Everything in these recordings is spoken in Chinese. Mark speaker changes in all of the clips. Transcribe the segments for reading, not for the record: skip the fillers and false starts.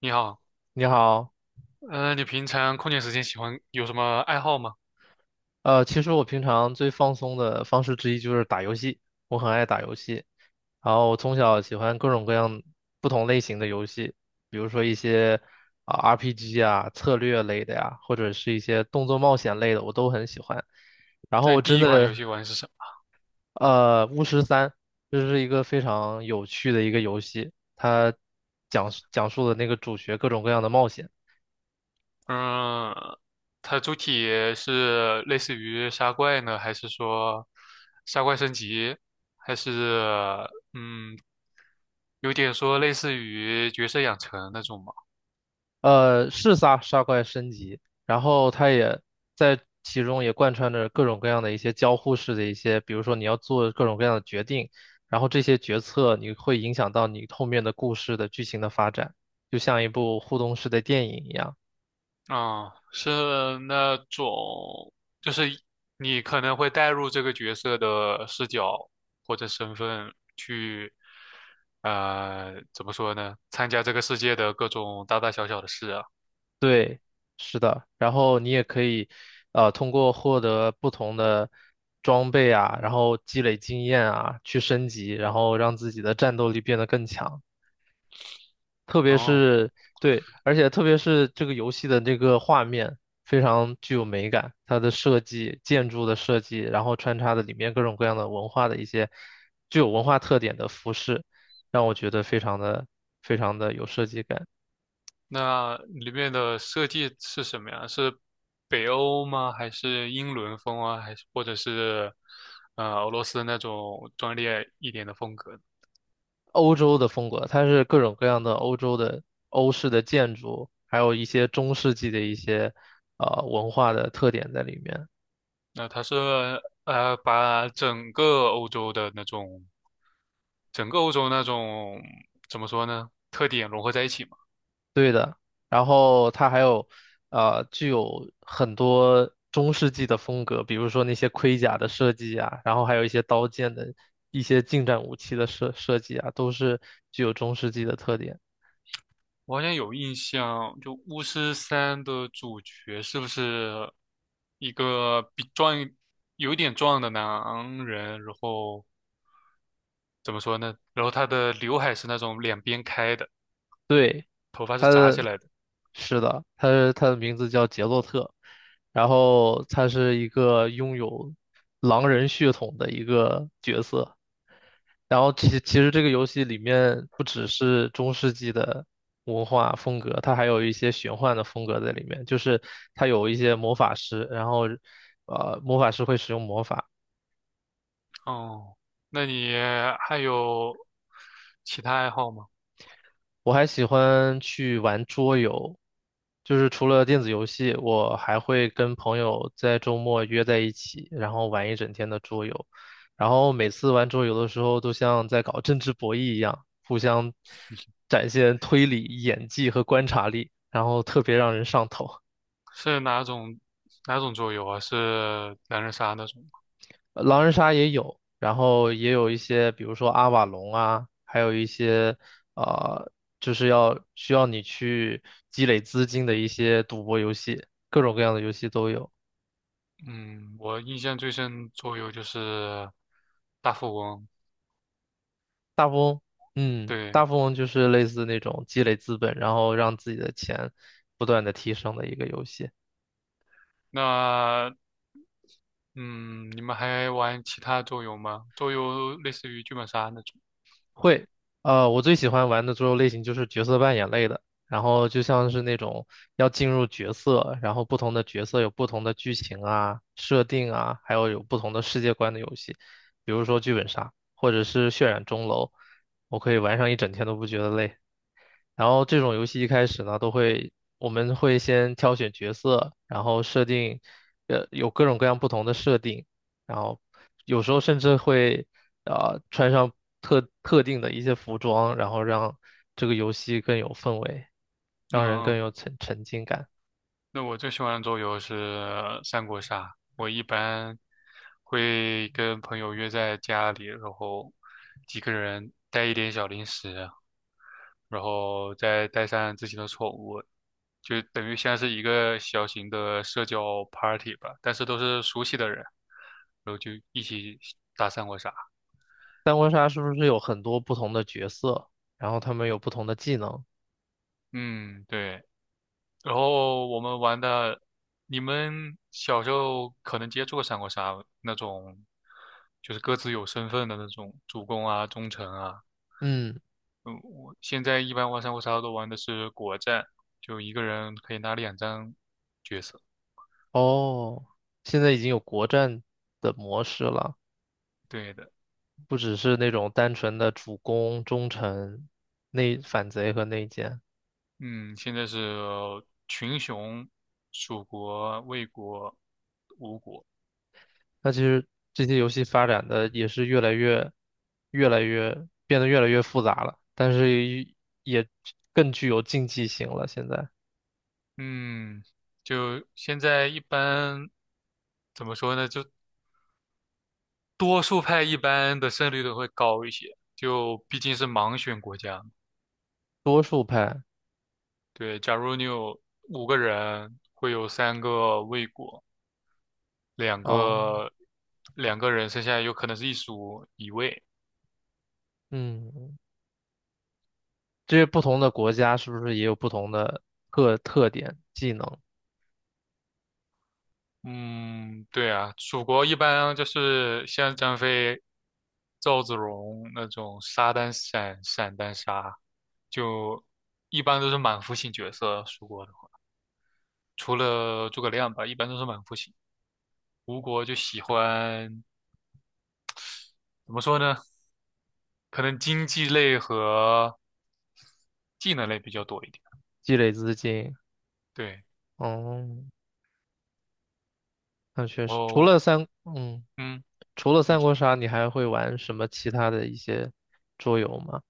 Speaker 1: 你好。
Speaker 2: 你好，
Speaker 1: 你平常空闲时间喜欢有什么爱好吗？
Speaker 2: 其实我平常最放松的方式之一就是打游戏，我很爱打游戏，然后我从小喜欢各种各样不同类型的游戏，比如说一些啊、RPG 啊、策略类的呀，或者是一些动作冒险类的，我都很喜欢。然后
Speaker 1: 那
Speaker 2: 我
Speaker 1: 你第
Speaker 2: 真
Speaker 1: 一款游
Speaker 2: 的，
Speaker 1: 戏玩是什么？
Speaker 2: 《巫师三》这是一个非常有趣的一个游戏，它讲述的那个主角各种各样的冒险。
Speaker 1: 嗯，它主体是类似于杀怪呢，还是说杀怪升级，还是嗯，有点说类似于角色养成那种吗？
Speaker 2: 是杀怪升级，然后它也在其中也贯穿着各种各样的一些交互式的一些，比如说你要做各种各样的决定，然后这些决策你会影响到你后面的故事的剧情的发展，就像一部互动式的电影一样。
Speaker 1: 啊，是那种，就是你可能会带入这个角色的视角或者身份去，怎么说呢？参加这个世界的各种大大小小的事啊。
Speaker 2: 对，是的，然后你也可以，通过获得不同的装备啊，然后积累经验啊，去升级，然后让自己的战斗力变得更强。特别
Speaker 1: 哦，
Speaker 2: 是对，而且特别是这个游戏的这个画面非常具有美感，它的设计、建筑的设计，然后穿插的里面各种各样的文化的一些具有文化特点的服饰，让我觉得非常的有设计感。
Speaker 1: 那里面的设计是什么呀？是北欧吗？还是英伦风啊？还是或者是俄罗斯那种专业一点的风格？
Speaker 2: 欧洲的风格，它是各种各样的欧洲的欧式的建筑，还有一些中世纪的一些文化的特点在里面。
Speaker 1: 那他是把整个欧洲的那种，整个欧洲那种怎么说呢，特点融合在一起嘛。
Speaker 2: 对的，然后它还有，具有很多中世纪的风格，比如说那些盔甲的设计啊，然后还有一些刀剑的一些近战武器的设计啊，都是具有中世纪的特点。
Speaker 1: 我好像有印象，就《巫师三》的主角是不是一个比壮一有点壮的男人？然后怎么说呢？然后他的刘海是那种两边开的，头发是
Speaker 2: 它
Speaker 1: 扎起
Speaker 2: 的，
Speaker 1: 来的。
Speaker 2: 是的，它的名字叫杰洛特，然后它是一个拥有狼人血统的一个角色。然后其实这个游戏里面不只是中世纪的文化风格，它还有一些玄幻的风格在里面。就是它有一些魔法师，然后魔法师会使用魔法，
Speaker 1: 哦，那你还有其他爱好吗？
Speaker 2: 我还喜欢去玩桌游，就是除了电子游戏，我还会跟朋友在周末约在一起，然后玩一整天的桌游。然后每次玩桌游的时候，都像在搞政治博弈一样，互相展现推理、演技和观察力，然后特别让人上头。
Speaker 1: 是哪种桌游啊？是狼人杀那种吗？
Speaker 2: 狼人杀也有，然后也有一些，比如说阿瓦隆啊，还有一些呃，就是需要你去积累资金的一些赌博游戏，各种各样的游戏都有。
Speaker 1: 嗯，我印象最深桌游就是大富翁。
Speaker 2: 大富翁，嗯，
Speaker 1: 对，
Speaker 2: 大富翁就是类似那种积累资本，然后让自己的钱不断的提升的一个游戏。
Speaker 1: 那嗯，你们还玩其他桌游吗？桌游类似于剧本杀那种。
Speaker 2: 会，我最喜欢玩的桌游类型就是角色扮演类的，然后就像是那种要进入角色，然后不同的角色有不同的剧情啊、设定啊，还有不同的世界观的游戏，比如说剧本杀或者是渲染钟楼，我可以玩上一整天都不觉得累。然后这种游戏一开始呢，我们会先挑选角色，然后设定，有各种各样不同的设定，然后有时候甚至会，穿上特定的一些服装，然后让这个游戏更有氛围，让人
Speaker 1: 嗯，
Speaker 2: 更有沉浸感。
Speaker 1: 那我最喜欢的桌游是三国杀。我一般会跟朋友约在家里，然后几个人带一点小零食，然后再带上自己的宠物，就等于像是一个小型的社交 party 吧，但是都是熟悉的人，然后就一起打三国杀。
Speaker 2: 三国杀是不是有很多不同的角色，然后他们有不同的技能？
Speaker 1: 嗯，对。然后我们玩的，你们小时候可能接触过三国杀那种，就是各自有身份的那种主公啊、忠臣啊。
Speaker 2: 嗯，
Speaker 1: 嗯，我现在一般玩三国杀都玩的是国战，就一个人可以拿2张角色。
Speaker 2: 哦，现在已经有国战的模式了。
Speaker 1: 对的。
Speaker 2: 不只是那种单纯的主攻、忠臣、内反贼和内奸。
Speaker 1: 嗯，现在是群雄、蜀国、魏国、吴国。
Speaker 2: 那其实这些游戏发展的也是越来越变得越来越复杂了，但是也更具有竞技性了。现在
Speaker 1: 嗯，就现在一般怎么说呢？就多数派一般的胜率都会高一些，就毕竟是盲选国家嘛。
Speaker 2: 多数派，
Speaker 1: 对，假如你有5个人，会有3个魏国，两
Speaker 2: 哦，
Speaker 1: 个两个人，剩下有可能是一蜀一魏。
Speaker 2: 嗯，这些不同的国家是不是也有不同的特点、技能、
Speaker 1: 嗯，对啊，蜀国一般就是像张飞、赵子龙那种杀单闪、闪单杀，就一般都是满腹型角色。蜀国的话，除了诸葛亮吧，一般都是满腹型。吴国就喜欢怎么说呢？可能经济类和技能类比较多一点。
Speaker 2: 积累资金？
Speaker 1: 对，
Speaker 2: 哦，那确
Speaker 1: 然
Speaker 2: 实，除
Speaker 1: 后
Speaker 2: 了三，
Speaker 1: 嗯。
Speaker 2: 除了三国杀，你还会玩什么其他的一些桌游吗？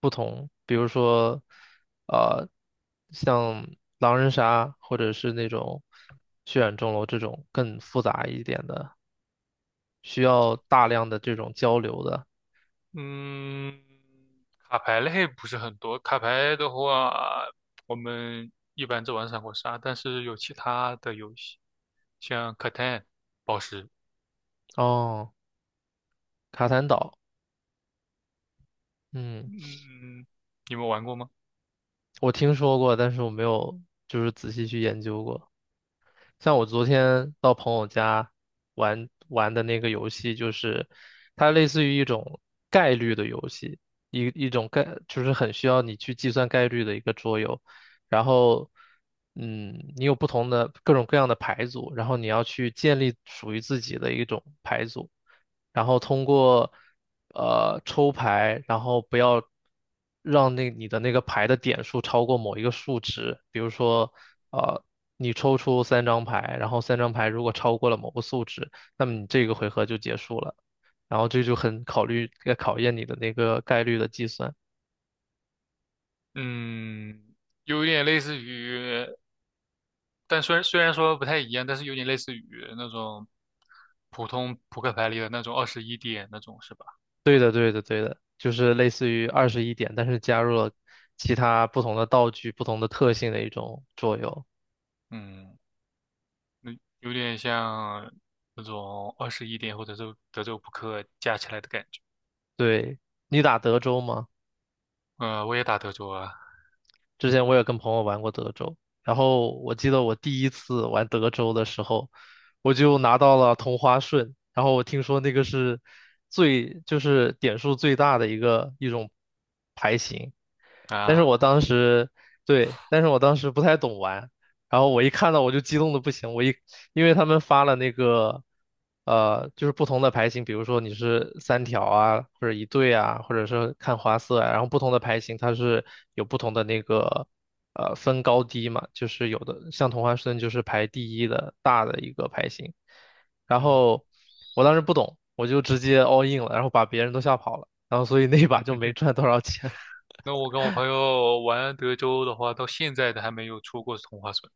Speaker 2: 不同，比如说，呃，像狼人杀，或者是那种血染钟楼这种更复杂一点的，需要大量的这种交流的。
Speaker 1: 嗯，卡牌类不是很多。卡牌的话，我们一般只玩三国杀，但是有其他的游戏，像 Catan、宝石。
Speaker 2: 哦，卡坦岛，嗯，
Speaker 1: 嗯，你们玩过吗？
Speaker 2: 我听说过，但是我没有就是仔细去研究过。像我昨天到朋友家玩的那个游戏，就是它类似于一种概率的游戏，一一种概就是很需要你去计算概率的一个桌游。然后，嗯，你有不同的各种各样的牌组，然后你要去建立属于自己的一种牌组。然后通过抽牌，然后不要让那你的那个牌的点数超过某一个数值，比如说呃你抽出三张牌，然后三张牌如果超过了某个数值，那么你这个回合就结束了，然后这就很考验你的那个概率的计算。
Speaker 1: 嗯，有点类似于，但虽然虽然说不太一样，但是有点类似于那种普通扑克牌里的那种二十一点那种，是吧？
Speaker 2: 对的，对的，对的，就是类似于二十一点，但是加入了其他不同的道具、不同的特性的一种作用。
Speaker 1: 嗯，有点像那种二十一点或者是德州扑克加起来的感觉。
Speaker 2: 对，你打德州吗？
Speaker 1: 我也打德州啊。
Speaker 2: 之前我也跟朋友玩过德州，然后我记得我第一次玩德州的时候，我就拿到了同花顺，然后我听说那个是就是点数最大的一个一种牌型，但是
Speaker 1: 啊，
Speaker 2: 我当时，对，但是我当时不太懂玩，然后我一看到我就激动的不行，因为他们发了那个，就是不同的牌型，比如说你是三条啊，或者一对啊，或者是看花色啊，然后不同的牌型它是有不同的那个，分高低嘛，就是有的像同花顺就是排第一的大的一个牌型，然
Speaker 1: 嗯，
Speaker 2: 后我当时不懂，我就直接 all in 了，然后把别人都吓跑了，然后所以那一把就没 赚多少钱，
Speaker 1: 那我跟我朋友玩德州的话，到现在都还没有出过同花顺。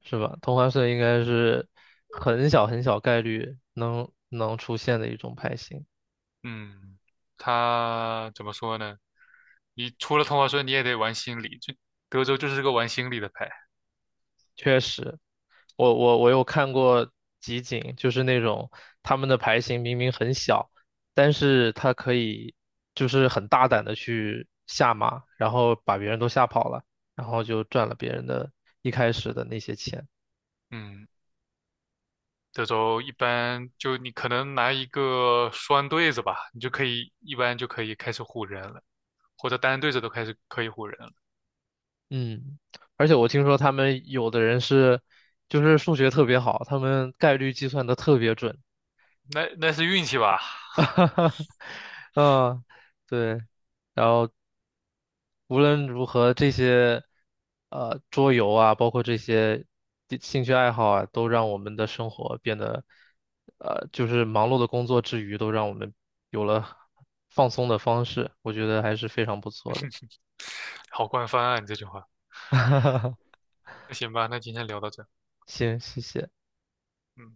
Speaker 2: 是吧？同花顺应该是很小很小概率能出现的一种牌型。
Speaker 1: 嗯，他怎么说呢？你出了同花顺，你也得玩心理，就德州就是个玩心理的牌。
Speaker 2: 确实，我有看过集锦，就是那种他们的牌型明明很小，但是他可以就是很大胆的去下马，然后把别人都吓跑了，然后就赚了别人的一开始的那些钱。
Speaker 1: 嗯，德州一般就你可能拿一个双对子吧，你就可以一般就可以开始唬人了，或者单对子都开始可以唬人了。
Speaker 2: 嗯，而且我听说他们有的人是就是数学特别好，他们概率计算的特别准。
Speaker 1: 那那是运气吧？
Speaker 2: 哈哈，嗯，对。然后无论如何，这些桌游啊，包括这些地兴趣爱好啊，都让我们的生活变得，就是忙碌的工作之余，都让我们有了放松的方式，我觉得还是非常不错的。
Speaker 1: 好官方啊，你这句话。那行吧，那今天聊到这。
Speaker 2: 行，谢谢。
Speaker 1: 嗯。